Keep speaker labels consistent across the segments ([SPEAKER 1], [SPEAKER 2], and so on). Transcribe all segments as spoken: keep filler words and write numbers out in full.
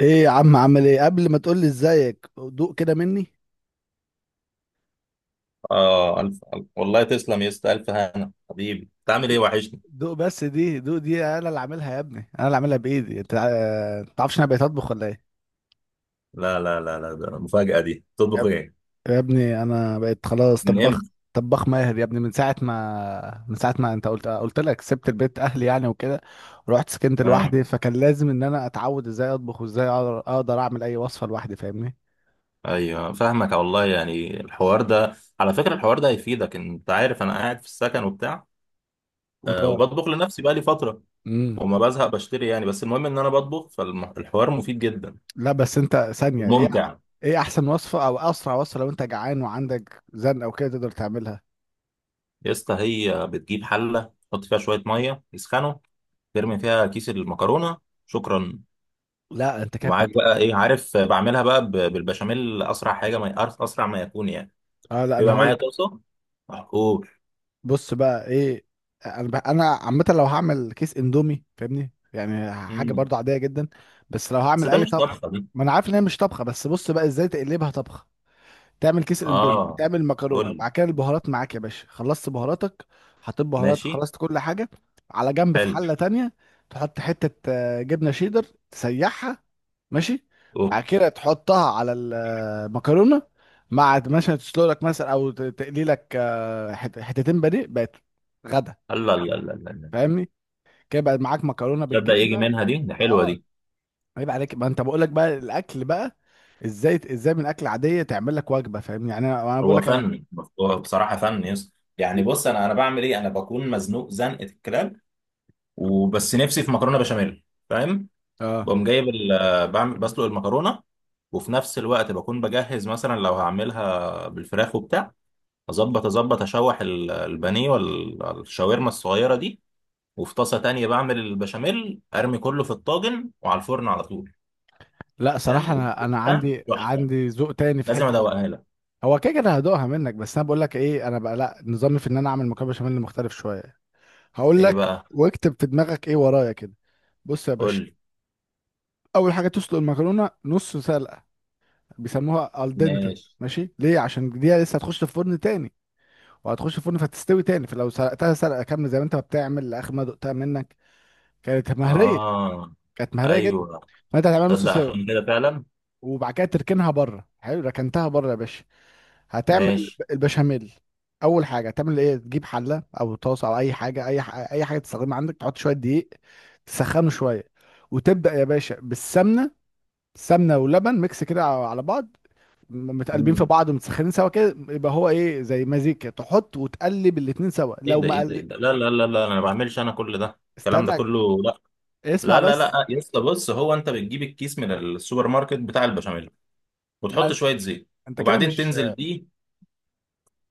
[SPEAKER 1] ايه يا عم، عامل ايه؟ قبل ما تقول لي ازيك، دوق كده مني.
[SPEAKER 2] اه الف الف والله، تسلم يا اسطى. الف هنا حبيبي، بتعمل ايه؟ وحشني.
[SPEAKER 1] دوق بس دي، دوق دي انا اللي عاملها يا ابني، انا اللي عاملها بايدي انت. آه، تعرفش انا بقيت اطبخ ولا ايه؟
[SPEAKER 2] لا لا لا لا، ده المفاجأة دي.
[SPEAKER 1] يا
[SPEAKER 2] تطبخ
[SPEAKER 1] اب-
[SPEAKER 2] ايه؟
[SPEAKER 1] يا ابني انا بقيت خلاص
[SPEAKER 2] من
[SPEAKER 1] طباخ.
[SPEAKER 2] امتى؟
[SPEAKER 1] طباخ ماهر يا ابني، من ساعه ما من ساعه ما انت قلت قلت لك سبت البيت اهلي يعني وكده، ورحت سكنت
[SPEAKER 2] اه،
[SPEAKER 1] لوحدي، فكان لازم ان انا اتعود ازاي اطبخ، وازاي اقدر أقدر اعمل اي وصفه لوحدي. فاهمني؟
[SPEAKER 2] ايوه فاهمك والله. يعني الحوار ده على فكرة الحوار ده هيفيدك. انت عارف انا قاعد في السكن وبتاع، آه
[SPEAKER 1] وطبعا.
[SPEAKER 2] وبطبخ لنفسي بقى لي فترة
[SPEAKER 1] امم
[SPEAKER 2] وما بزهق، بشتري يعني. بس المهم ان انا بطبخ، فالحوار مفيد جدا
[SPEAKER 1] لا بس انت ثانية، ايه
[SPEAKER 2] وممتع.
[SPEAKER 1] ايه احسن وصفة او اسرع وصفة لو انت جعان وعندك زن او كده تقدر تعملها؟
[SPEAKER 2] يا اسطى، هي بتجيب حلة تحط فيها شوية مية يسخنوا، ترمي فيها كيس المكرونة. شكرا.
[SPEAKER 1] لا انت كده
[SPEAKER 2] ومعاك
[SPEAKER 1] بتتكلم.
[SPEAKER 2] بقى ايه؟ عارف بعملها بقى ب- بالبشاميل، اسرع حاجه. ما أر- اسرع ما يكون يعني.
[SPEAKER 1] اه لا، انا
[SPEAKER 2] بيبقى معايا
[SPEAKER 1] هقول.
[SPEAKER 2] طاسه. محقول.
[SPEAKER 1] بص بقى، ايه؟ انا بقى، انا عامة لو هعمل كيس اندومي، فاهمني يعني حاجة
[SPEAKER 2] امم.
[SPEAKER 1] برضو عادية جدا. بس لو
[SPEAKER 2] بس
[SPEAKER 1] هعمل
[SPEAKER 2] ده
[SPEAKER 1] اي
[SPEAKER 2] مش
[SPEAKER 1] طبخ.
[SPEAKER 2] طبخه دي.
[SPEAKER 1] ما انا عارف ان هي مش طبخة، بس بص بقى ازاي تقلبها طبخة. تعمل كيس الاندومي،
[SPEAKER 2] اه،
[SPEAKER 1] تعمل
[SPEAKER 2] قول
[SPEAKER 1] مكرونه،
[SPEAKER 2] لي.
[SPEAKER 1] وبعد كده البهارات معاك يا باشا، خلصت بهاراتك؟ حطيت بهارات،
[SPEAKER 2] ماشي.
[SPEAKER 1] خلصت كل حاجه، على جنب. في حله
[SPEAKER 2] حلو.
[SPEAKER 1] تانية تحط حته آه، جبنه شيدر، تسيحها. ماشي.
[SPEAKER 2] اوه.
[SPEAKER 1] بعد كده تحطها على المكرونه مع مثلا تسلق لك مثلا، او ت- تقلي لك آه، حت- حتتين بانيه بقت غدا.
[SPEAKER 2] الله الله الله الله الله.
[SPEAKER 1] فاهمني؟ كده بقى معاك مكرونه
[SPEAKER 2] تبدا يجي
[SPEAKER 1] بالجبنه.
[SPEAKER 2] منها دي، ده حلوه
[SPEAKER 1] اه.
[SPEAKER 2] دي.
[SPEAKER 1] عيب عليك، ما انت بقول لك بقى الاكل بقى ازاي، ازاي من اكل عاديه تعمل لك وجبه. فاهمني يعني؟ انا أنا بقول
[SPEAKER 2] هو
[SPEAKER 1] لك انا.
[SPEAKER 2] فن. هو بصراحه فن، يس يعني. بص، انا انا بعمل ايه، انا بكون مزنوق زنقه الكلاب وبس، نفسي في مكرونه بشاميل. فاهم؟
[SPEAKER 1] اه
[SPEAKER 2] بقوم جايب ال- بعمل، بسلق المكرونه، وفي نفس الوقت بكون بجهز مثلا لو هعملها بالفراخ وبتاع. اظبط اظبط، اشوح ال- البانيه والشاورما الصغيره دي. وفي طاسه تانية بعمل البشاميل، ارمي كله في الطاجن وعلى الفرن على طول.
[SPEAKER 1] لا
[SPEAKER 2] تمام،
[SPEAKER 1] صراحة، انا انا
[SPEAKER 2] وبتبقى
[SPEAKER 1] عندي
[SPEAKER 2] تحفه.
[SPEAKER 1] عندي ذوق تاني في
[SPEAKER 2] لازم
[SPEAKER 1] حتة دي.
[SPEAKER 2] ادوقها لك.
[SPEAKER 1] هو كده كده هدوقها منك، بس انا بقول لك ايه، انا بقى لا، نظامي في ان انا اعمل مكرونة بشاميل مختلف شوية. هقول
[SPEAKER 2] ايه
[SPEAKER 1] لك
[SPEAKER 2] بقى؟
[SPEAKER 1] واكتب في دماغك ايه ورايا كده. بص يا
[SPEAKER 2] قول
[SPEAKER 1] باشا،
[SPEAKER 2] لي.
[SPEAKER 1] اول حاجة تسلق المكرونة نص سلقة. بيسموها الدنتي،
[SPEAKER 2] ماشي.
[SPEAKER 1] ماشي؟ ليه؟ عشان دي لسه هتخش في فرن تاني، وهتخش في فرن فتستوي تاني. فلو سلقتها سلقة كاملة زي ما انت ما بتعمل، لاخر ما دقتها منك كانت مهرية،
[SPEAKER 2] اه.
[SPEAKER 1] كانت مهرية جدا.
[SPEAKER 2] ايوه.
[SPEAKER 1] فانت هتعملها نص
[SPEAKER 2] تصدق
[SPEAKER 1] سوا.
[SPEAKER 2] عشان كده فعلا.
[SPEAKER 1] وبعد كده تركنها بره. حلو، ركنتها بره يا باشا، هتعمل
[SPEAKER 2] ماشي.
[SPEAKER 1] البشاميل. اول حاجه هتعمل ايه؟ تجيب حله او طاسه او اي حاجه، اي ح... اي حاجه تستخدمها عندك. تحط شويه دقيق، تسخنه شويه، وتبدا يا باشا بالسمنه. سمنه ولبن، ميكس كده على بعض، م- متقلبين في
[SPEAKER 2] مم.
[SPEAKER 1] بعض ومتسخنين سوا كده، يبقى هو ايه زي مزيج كده. تحط وتقلب الاتنين سوا
[SPEAKER 2] ايه
[SPEAKER 1] لو
[SPEAKER 2] ده،
[SPEAKER 1] ما
[SPEAKER 2] ايه ده، ايه
[SPEAKER 1] قل...
[SPEAKER 2] ده، لا لا لا لا، انا ما بعملش. انا كل ده الكلام ده
[SPEAKER 1] استنى،
[SPEAKER 2] كله؟ لا
[SPEAKER 1] اسمع
[SPEAKER 2] لا لا
[SPEAKER 1] بس.
[SPEAKER 2] لا، يا اسطى، بص، هو انت بتجيب الكيس من السوبر ماركت بتاع البشاميل وتحط
[SPEAKER 1] لا
[SPEAKER 2] شويه زيت
[SPEAKER 1] انت كده
[SPEAKER 2] وبعدين
[SPEAKER 1] مش.
[SPEAKER 2] تنزل بيه.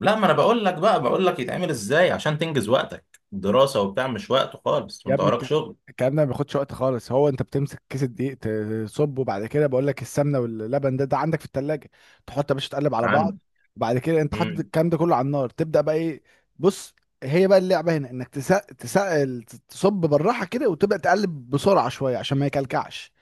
[SPEAKER 2] لا، ما انا بقول لك بقى، بقول لك يتعمل ازاي عشان تنجز وقتك، دراسة وبتاع مش وقت خالص
[SPEAKER 1] يا
[SPEAKER 2] وانت
[SPEAKER 1] ابني
[SPEAKER 2] وراك
[SPEAKER 1] الك-
[SPEAKER 2] شغل.
[SPEAKER 1] الكلام ده ما بياخدش وقت خالص. هو انت بتمسك كيس الدقيق، تصبه، وبعد كده بقول لك السمنه واللبن، ده ده عندك في التلاجة، تحط يا باشا، تقلب على بعض.
[SPEAKER 2] عندي.
[SPEAKER 1] وبعد كده انت حاطط
[SPEAKER 2] امم.
[SPEAKER 1] الكلام ده كله على النار، تبدا بقى ايه؟ بص، هي بقى اللعبه هنا، انك تسق تسق، تصب بالراحه كده، وتبدا تقلب بسرعه شويه عشان ما يكلكعش.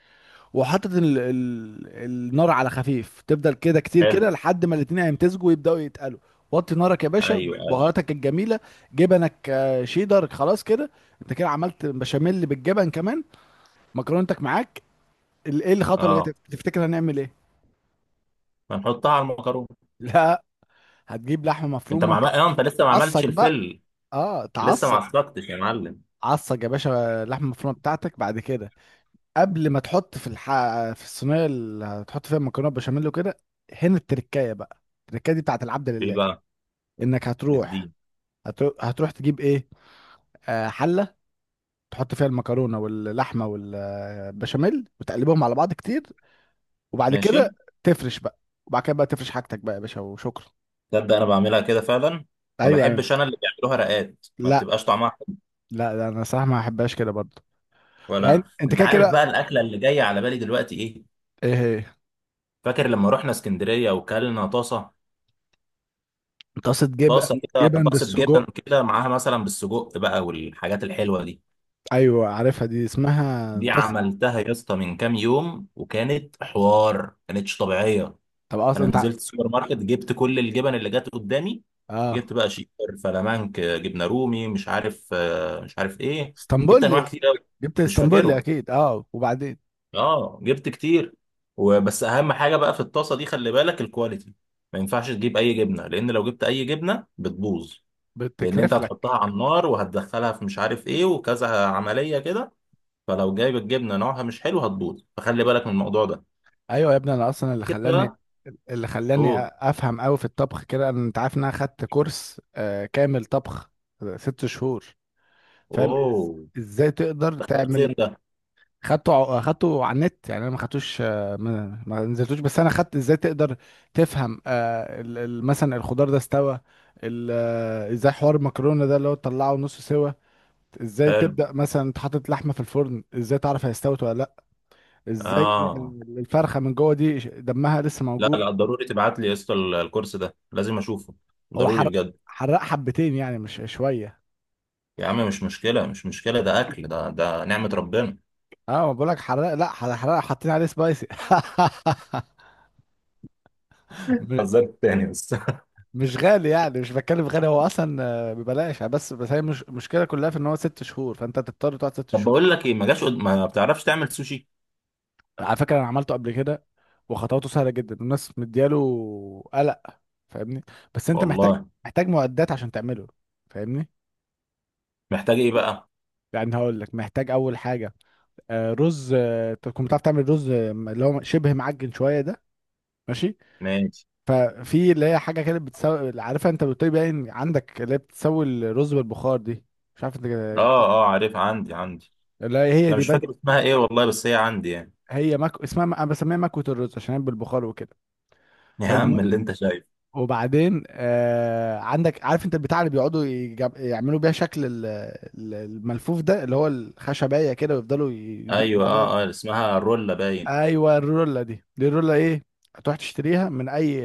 [SPEAKER 1] وحاطط ال... ال... النار على خفيف، تفضل كده كتير كده
[SPEAKER 2] حلو.
[SPEAKER 1] لحد ما الاتنين هيمتزجوا ويبداوا يتقلوا. وطي نارك يا باشا،
[SPEAKER 2] ايوه ايوه.
[SPEAKER 1] بهاراتك الجميله، جبنك آه، شيدر، خلاص كده انت كده عملت بشاميل بالجبن كمان. مكرونتك معاك، ال- ايه الخطوه اللي جايه
[SPEAKER 2] اه،
[SPEAKER 1] تفتكر هنعمل ايه؟
[SPEAKER 2] هنحطها على المكرونة.
[SPEAKER 1] لا، هتجيب لحمه
[SPEAKER 2] انت مع
[SPEAKER 1] مفرومه،
[SPEAKER 2] اه انت لسه ما عملتش
[SPEAKER 1] تعصج بقى.
[SPEAKER 2] الفل.
[SPEAKER 1] اه
[SPEAKER 2] لسه ما
[SPEAKER 1] تعصج.
[SPEAKER 2] عصقتش يا معلم.
[SPEAKER 1] عصج يا باشا اللحمه المفرومه بتاعتك. بعد كده قبل ما تحط في الح... في الصينيه اللي هتحط فيها المكرونه بشاميل وكده، هنا التركايه بقى. التركايه دي بتاعت العبد
[SPEAKER 2] ايه
[SPEAKER 1] لله،
[SPEAKER 2] بقى؟
[SPEAKER 1] انك هتروح،
[SPEAKER 2] الدين.
[SPEAKER 1] هتروح, هتروح تجيب ايه؟ آه، حله، تحط فيها المكرونه واللحمه والبشاميل وتقلبهم على بعض كتير، وبعد
[SPEAKER 2] ماشي.
[SPEAKER 1] كده تفرش بقى. وبعد كده بقى تفرش حاجتك بقى يا باشا، وشكرا.
[SPEAKER 2] تبدأ، انا بعملها كده فعلا. ما
[SPEAKER 1] ايوه يعني.
[SPEAKER 2] بحبش انا اللي بيعملوها رقات، ما
[SPEAKER 1] لا
[SPEAKER 2] بتبقاش طعمها حلو.
[SPEAKER 1] لا لا، انا صراحه ما احبهاش كده برضه.
[SPEAKER 2] ولا
[SPEAKER 1] يعني
[SPEAKER 2] انا.
[SPEAKER 1] انت
[SPEAKER 2] انت
[SPEAKER 1] كده
[SPEAKER 2] عارف
[SPEAKER 1] كده.
[SPEAKER 2] بقى الاكله اللي جايه على بالي دلوقتي ايه؟
[SPEAKER 1] ايه هي؟
[SPEAKER 2] فاكر لما رحنا اسكندريه وكلنا طاسه؟
[SPEAKER 1] طاسه جبن،
[SPEAKER 2] طاسه كده،
[SPEAKER 1] جبن
[SPEAKER 2] طاسه جبن
[SPEAKER 1] بالسجق.
[SPEAKER 2] كده معاها مثلا بالسجق بقى والحاجات الحلوه دي.
[SPEAKER 1] ايوه عارفها، دي اسمها
[SPEAKER 2] دي
[SPEAKER 1] طاسه.
[SPEAKER 2] عملتها يا اسطى من كام يوم وكانت حوار، كانتش طبيعيه.
[SPEAKER 1] طب اصلا
[SPEAKER 2] انا
[SPEAKER 1] انت ع-
[SPEAKER 2] نزلت السوبر ماركت، جبت كل الجبن اللي جت قدامي.
[SPEAKER 1] اه،
[SPEAKER 2] جبت بقى شيكر، فلامنك، جبنه رومي، مش عارف آه، مش عارف ايه. جبت انواع
[SPEAKER 1] اسطنبول.
[SPEAKER 2] كتير قوي،
[SPEAKER 1] جبت
[SPEAKER 2] مش
[SPEAKER 1] اسطنبول
[SPEAKER 2] فاكرهم.
[SPEAKER 1] اكيد، اه. وبعدين
[SPEAKER 2] اه جبت كتير. وبس اهم حاجه بقى في الطاسه دي، خلي بالك الكواليتي. ما ينفعش تجيب اي جبنه، لان لو جبت اي جبنه بتبوظ. لان انت
[SPEAKER 1] بتكرف لك.
[SPEAKER 2] هتحطها على النار وهتدخلها في مش عارف ايه وكذا عمليه كده، فلو جايب الجبنه نوعها مش حلو هتبوظ، فخلي بالك من الموضوع ده.
[SPEAKER 1] ايوه يا ابني، انا اصلا اللي
[SPEAKER 2] كده
[SPEAKER 1] خلاني،
[SPEAKER 2] بقى.
[SPEAKER 1] اللي خلاني
[SPEAKER 2] اوه
[SPEAKER 1] افهم قوي في الطبخ كده، انا انت عارف ان انا خدت كورس آه كامل طبخ ست شهور. فاهم إز...
[SPEAKER 2] اوه.
[SPEAKER 1] ازاي تقدر
[SPEAKER 2] دخلت فين
[SPEAKER 1] تعمل.
[SPEAKER 2] ده؟
[SPEAKER 1] خدته ع- خدته على النت يعني، انا ما خدتوش آه، ما... ما نزلتوش. بس انا خدت ازاي تقدر تفهم آه ال... ال- مثلا الخضار ده استوى، ال... آه، ازاي حوار المكرونه ده، اللي هو تطلعه نص سوا. ازاي
[SPEAKER 2] حلو.
[SPEAKER 1] تبدا مثلا، انت حاطط لحمه في الفرن، ازاي تعرف هي استوت ولا لا. ازاي
[SPEAKER 2] اه،
[SPEAKER 1] الفرخه من جوه دي ش- دمها لسه
[SPEAKER 2] لا
[SPEAKER 1] موجود.
[SPEAKER 2] لا، ضروري تبعت لي يا اسطى ال- الكورس ده، لازم اشوفه
[SPEAKER 1] هو
[SPEAKER 2] ضروري
[SPEAKER 1] حرق،
[SPEAKER 2] بجد.
[SPEAKER 1] حرق حبتين يعني مش شويه.
[SPEAKER 2] يا عم مش مشكله مش مشكله، ده اكل، ده ده نعمه ربنا.
[SPEAKER 1] اه ما بقولك حرق، لا حرق، حرق، حاطين عليه سبايسي. م-
[SPEAKER 2] هزرت تاني بس.
[SPEAKER 1] مش غالي يعني، مش بتكلم غالي هو اصلا، آه، ببلاش يعني. بس بس هي مش المشكله كلها، في ان هو ست شهور، فانت تضطر تقعد ست
[SPEAKER 2] طب
[SPEAKER 1] شهور
[SPEAKER 2] بقول لك ايه، ما جاش قد- ما بتعرفش تعمل سوشي؟
[SPEAKER 1] على فكره انا عملته قبل كده، وخطواته سهله جدا، الناس مدياله قلق. فاهمني؟ بس انت محتاج،
[SPEAKER 2] والله.
[SPEAKER 1] محتاج معدات عشان تعمله. فاهمني؟
[SPEAKER 2] محتاج ايه بقى؟
[SPEAKER 1] يعني هقول لك، محتاج اول حاجه آه، رز، آه، تكون بتعرف تعمل رز، آه، اللي هو شبه معجن شويه ده. ماشي؟
[SPEAKER 2] ماشي.
[SPEAKER 1] آه، في اللي هي حاجه كده بتسوي، عارفها انت، بتقول إيه، باين عندك، اللي هي بتسوي الرز بالبخار دي. مش عارف انت
[SPEAKER 2] اه
[SPEAKER 1] جبتها.
[SPEAKER 2] اه عارف، عندي عندي.
[SPEAKER 1] لا هي
[SPEAKER 2] انا
[SPEAKER 1] دي
[SPEAKER 2] مش
[SPEAKER 1] بنت،
[SPEAKER 2] فاكر اسمها ايه والله، بس هي عندي يعني.
[SPEAKER 1] هي مك... اسمها انا بسميها مكوة الرز عشان هي بالبخار وكده.
[SPEAKER 2] يا
[SPEAKER 1] فالم...
[SPEAKER 2] عم اللي انت شايفه.
[SPEAKER 1] وبعدين آه، عندك، عارف انت البتاع اللي بيقعدوا يجب... يعملوا بيها شكل ال- ال- الملفوف ده، اللي هو الخشبية كده ويفضلوا يدوسوا
[SPEAKER 2] ايوه،
[SPEAKER 1] عليها.
[SPEAKER 2] اه اه، اسمها رولا باين.
[SPEAKER 1] ايوه الرولا دي، دي الرولا ايه، هتروح تشتريها من اي،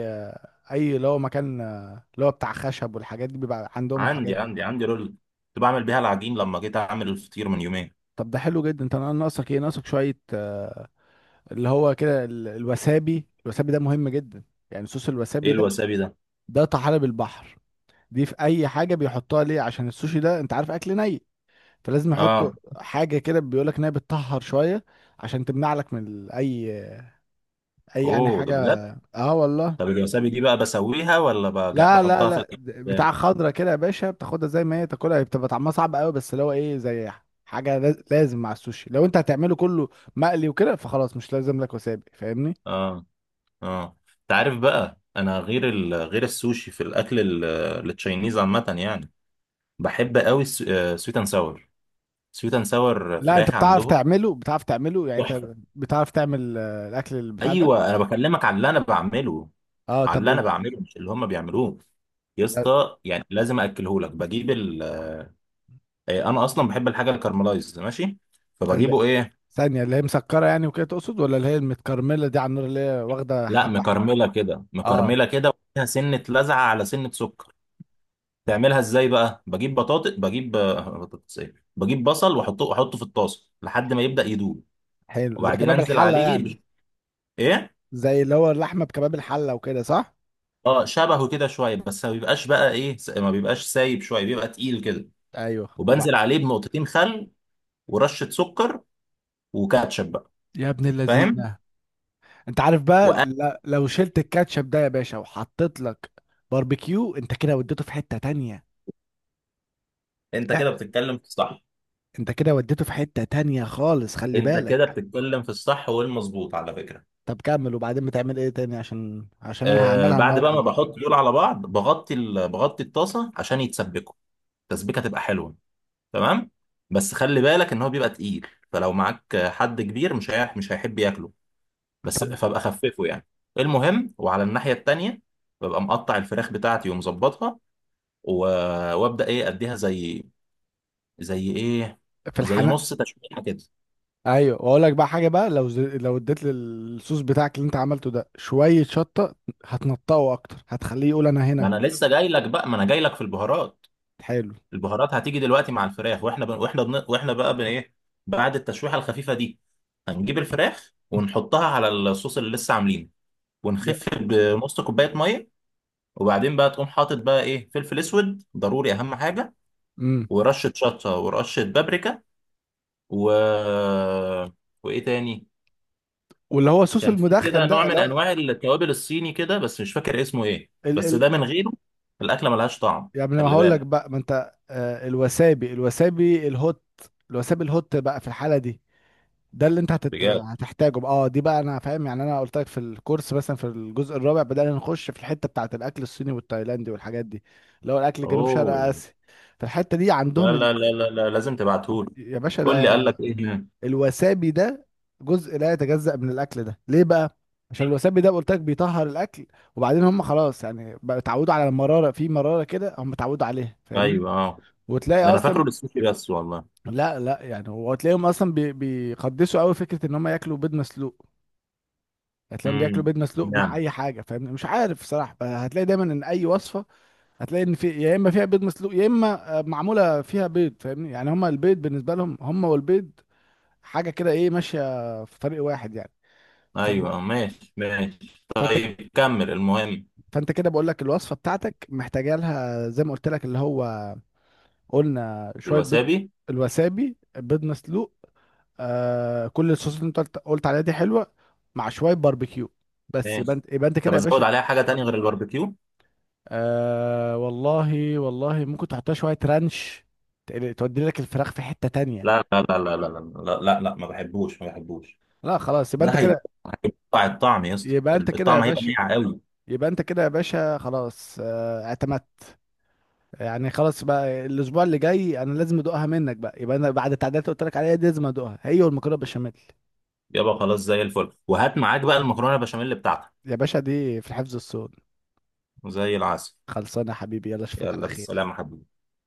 [SPEAKER 1] اي اللي هو مكان، اللي هو بتاع خشب والحاجات دي، بيبقى عندهم الحاجات
[SPEAKER 2] عندي
[SPEAKER 1] دي.
[SPEAKER 2] عندي عندي، رولا كنت بعمل بيها العجين لما جيت اعمل الفطير من يومين.
[SPEAKER 1] طب ده حلو جدا. انت ناقصك ايه؟ ناقصك شويه آه، اللي هو كده ال- الوسابي. الوسابي ده مهم جدا، يعني صوص
[SPEAKER 2] ايه
[SPEAKER 1] الوسابي ده.
[SPEAKER 2] الوسابي ده؟
[SPEAKER 1] ده طحالب البحر، دي في اي حاجه بيحطوها ليه، عشان السوشي ده انت عارف اكل ني، فلازم يحطوا
[SPEAKER 2] اه.
[SPEAKER 1] حاجه كده بيقولك انها بتطهر شويه، عشان تمنع لك من ال- اي، اي يعني
[SPEAKER 2] اوه، ده
[SPEAKER 1] حاجه.
[SPEAKER 2] بجد؟
[SPEAKER 1] اه والله.
[SPEAKER 2] طب الوسابي دي بقى بسويها ولا بج-
[SPEAKER 1] لا لا
[SPEAKER 2] بحطها في
[SPEAKER 1] لا،
[SPEAKER 2] الاكل؟
[SPEAKER 1] بتاع خضرة كده يا باشا، بتاخدها زي ما هي تاكلها، هي بتبقى طعمها صعب قوي، بس اللي هو ايه، زي حاجة لاز- لازم مع السوشي. لو انت هتعمله كله مقلي وكده، فخلاص مش لازم لك وسابي. فاهمني؟
[SPEAKER 2] اه. اه. انت عارف بقى انا غير ال... غير السوشي في الاكل، ال- التشاينيز عامه يعني، بحب قوي. سويت اند ساور. سويت اند ساور
[SPEAKER 1] لا انت
[SPEAKER 2] فراخ
[SPEAKER 1] بتعرف
[SPEAKER 2] عندهم،
[SPEAKER 1] تعمله، بتعرف تعمله يعني انت
[SPEAKER 2] تحفه.
[SPEAKER 1] بتعرف تعمل آه، الاكل البتاع ده.
[SPEAKER 2] ايوه، انا بكلمك على اللي انا بعمله،
[SPEAKER 1] اه
[SPEAKER 2] على
[SPEAKER 1] طب
[SPEAKER 2] اللي انا
[SPEAKER 1] ال-
[SPEAKER 2] بعمله مش اللي هم بيعملوه. يا اسطى يعني لازم اكله لك، بجيب ال... آه، انا اصلا بحب الحاجه الكارملايز، ماشي؟
[SPEAKER 1] ال-
[SPEAKER 2] فبجيبه ايه،
[SPEAKER 1] ثانية، اللي هي مسكرة يعني وكده تقصد، ولا اللي هي المتكرملة دي على النار اللي هي واخدة
[SPEAKER 2] لا،
[SPEAKER 1] حبة حلو؟
[SPEAKER 2] مكرمله كده،
[SPEAKER 1] اه
[SPEAKER 2] مكرمله كده وفيها سنه لزعه على سنه سكر. تعملها ازاي بقى؟ بجيب بطاطس، بجيب آه، بطاطس ايه، بجيب بصل واحطه واحطه في الطاسه لحد ما يبدا يدوب.
[SPEAKER 1] حلو، زي
[SPEAKER 2] وبعدين
[SPEAKER 1] كباب
[SPEAKER 2] انزل
[SPEAKER 1] الحلة
[SPEAKER 2] عليه
[SPEAKER 1] يعني،
[SPEAKER 2] ب... ايه،
[SPEAKER 1] زي اللي هو اللحمة بكباب الحلة وكده، صح؟
[SPEAKER 2] اه شبهه كده شويه، بس ما بيبقاش بقى ايه، س- ما بيبقاش سايب شويه، بيبقى تقيل كده.
[SPEAKER 1] ايوه وبعد.
[SPEAKER 2] وبنزل عليه بنقطتين خل، ورشه سكر، وكاتشب.
[SPEAKER 1] يا ابن
[SPEAKER 2] فاهم؟
[SPEAKER 1] اللذينة، انت عارف بقى
[SPEAKER 2] وأنا.
[SPEAKER 1] ل- لو شلت الكاتشب ده يا باشا وحطيت لك باربيكيو، انت كده وديته في حتة تانية.
[SPEAKER 2] أنت
[SPEAKER 1] اه،
[SPEAKER 2] كده بتتكلم في الصح.
[SPEAKER 1] انت كده وديته في حتة تانية خالص، خلي
[SPEAKER 2] أنت كده
[SPEAKER 1] بالك.
[SPEAKER 2] بتتكلم في الصح والمظبوط على فكرة.
[SPEAKER 1] طب كمل، وبعدين بتعمل ايه تاني؟ عشان عشان انا
[SPEAKER 2] آه،
[SPEAKER 1] هعملها
[SPEAKER 2] بعد بقى
[SPEAKER 1] النهارده
[SPEAKER 2] ما
[SPEAKER 1] دي.
[SPEAKER 2] بحط دول على بعض، بغطي ال... بغطي الطاسة عشان يتسبكوا، التسبيكة تبقى حلوة. تمام. بس خلي بالك إن هو بيبقى تقيل، فلو معاك حد كبير، مش هي... مش هيحب ياكله. بس
[SPEAKER 1] طب
[SPEAKER 2] فابقى خففه يعني. المهم، وعلى الناحية التانية ببقى مقطع الفراخ بتاعتي ومظبطها، و... وابدا ايه؟ اديها زي، زي ايه،
[SPEAKER 1] في
[SPEAKER 2] زي
[SPEAKER 1] الحناء.
[SPEAKER 2] نص تشويحه كده.
[SPEAKER 1] ايوه واقول لك بقى حاجه بقى، لو ز... لو اديت للصوص بتاعك اللي انت عملته ده شويه شطه، هتنطقه اكتر، هتخليه يقول انا
[SPEAKER 2] ما
[SPEAKER 1] هنا.
[SPEAKER 2] انا لسه جاي لك بقى، ما انا جاي لك في البهارات.
[SPEAKER 1] حلو.
[SPEAKER 2] البهارات هتيجي دلوقتي مع الفراخ واحنا بن... واحنا بن... واحنا بقى بن ايه، بعد التشويحه الخفيفه دي، هنجيب الفراخ ونحطها على الصوص اللي لسه عاملينه، ونخف بنص كوبايه ميه. وبعدين بقى تقوم حاطط بقى ايه، فلفل اسود ضروري اهم حاجه،
[SPEAKER 1] امم
[SPEAKER 2] ورشه شطه، ورشه بابريكا، و، وايه تاني.
[SPEAKER 1] واللي هو الصوص
[SPEAKER 2] كان في
[SPEAKER 1] المدخن
[SPEAKER 2] كده نوع
[SPEAKER 1] ده.
[SPEAKER 2] من انواع التوابل الصيني كده، بس مش فاكر اسمه ايه، بس
[SPEAKER 1] لا
[SPEAKER 2] ده من غيره الاكله ملهاش طعم.
[SPEAKER 1] يعني انا
[SPEAKER 2] خلي
[SPEAKER 1] هقول لك
[SPEAKER 2] بالك.
[SPEAKER 1] بقى، ما انت آه، الوسابي الوسابي الهوت، الوسابي الهوت بقى في الحاله دي، ده اللي انت هتت...
[SPEAKER 2] بجد.
[SPEAKER 1] هتحتاجه بقى. اه دي بقى انا فاهم، يعني انا قلت لك في الكورس مثلا في الجزء الرابع بدأنا نخش في الحته بتاعه الاكل الصيني والتايلاندي والحاجات دي، اللي هو الاكل جنوب شرق
[SPEAKER 2] اوه.
[SPEAKER 1] اسيا. فالحته دي
[SPEAKER 2] لا
[SPEAKER 1] عندهم
[SPEAKER 2] لا
[SPEAKER 1] ال...
[SPEAKER 2] لا لا، لا، لازم تبعتهولي.
[SPEAKER 1] يا باشا
[SPEAKER 2] قول لي، قال
[SPEAKER 1] ده
[SPEAKER 2] لك ايه هنا.
[SPEAKER 1] الوسابي ده جزء لا يتجزأ من الاكل ده. ليه بقى؟ عشان الوسابي ده قلت لك بيطهر الاكل. وبعدين هم خلاص يعني بقى اتعودوا على المراره، في مراره كده هم اتعودوا عليها. فاهمني؟
[SPEAKER 2] ايوه، اه،
[SPEAKER 1] وتلاقي
[SPEAKER 2] ده انا فاكره
[SPEAKER 1] اصلا.
[SPEAKER 2] للسوشي بس والله.
[SPEAKER 1] لا لا، يعني هو تلاقيهم اصلا بي بيقدسوا قوي فكره ان هم ياكلوا بيض مسلوق. هتلاقيهم بياكلوا
[SPEAKER 2] امم.
[SPEAKER 1] بيض مسلوق مع
[SPEAKER 2] يعني.
[SPEAKER 1] اي حاجه، فاهم؟ مش عارف صراحه، هتلاقي دايما ان اي وصفه، هتلاقي ان في يا اما فيها بيض مسلوق، يا اما آه، معموله فيها بيض. فاهمني يعني؟ هم البيض بالنسبه لهم هم والبيض حاجه كده ايه، ماشيه في طريق واحد يعني. فب...
[SPEAKER 2] ايوه، آه، ماشي ماشي،
[SPEAKER 1] فانت
[SPEAKER 2] طيب كمل المهم.
[SPEAKER 1] فانت كده بقول لك الوصفه بتاعتك محتاجه لها زي ما قلت لك، اللي هو قلنا شويه بيض،
[SPEAKER 2] الوسابي.
[SPEAKER 1] الوسابي، بيض مسلوق، آه كل الصوصات اللي انت قلت قلت عليها دي حلوه، مع شويه باربيكيو. بس يبقى
[SPEAKER 2] ماشي.
[SPEAKER 1] انت، يبقى انت
[SPEAKER 2] طب
[SPEAKER 1] كده يا
[SPEAKER 2] ازود
[SPEAKER 1] باشا.
[SPEAKER 2] عليها حاجه تانية غير الباربيكيو؟
[SPEAKER 1] آه والله، والله ممكن تحطها شويه رانش، تقل- تودي لك الفراخ في حته تانية.
[SPEAKER 2] لا لا لا لا لا لا لا لا، لا، ما بحبوش ما بحبوش.
[SPEAKER 1] لا خلاص، يبقى
[SPEAKER 2] ده
[SPEAKER 1] انت
[SPEAKER 2] هيبقى،
[SPEAKER 1] كده،
[SPEAKER 2] هيبقى الطعم يا اسطى،
[SPEAKER 1] يبقى انت كده يا
[SPEAKER 2] الطعم هيبقى
[SPEAKER 1] باشا،
[SPEAKER 2] ناعم قوي.
[SPEAKER 1] يبقى انت كده يا باشا خلاص، آه اعتمدت. يعني خلاص بقى الاسبوع اللي جاي انا لازم ادوقها منك بقى، يبقى انا بعد التعديلات اللي قلت لك عليها دي لازم ادوقها هي والمكرونه بشاميل.
[SPEAKER 2] يبقى خلاص زي الفل، وهات معاك بقى المكرونه البشاميل بتاعتك.
[SPEAKER 1] يا باشا دي في الحفظ الصون،
[SPEAKER 2] زي العسل.
[SPEAKER 1] خلصانه يا حبيبي. يلا اشوفك
[SPEAKER 2] يلا
[SPEAKER 1] على خير.
[SPEAKER 2] بالسلامه حبيبي.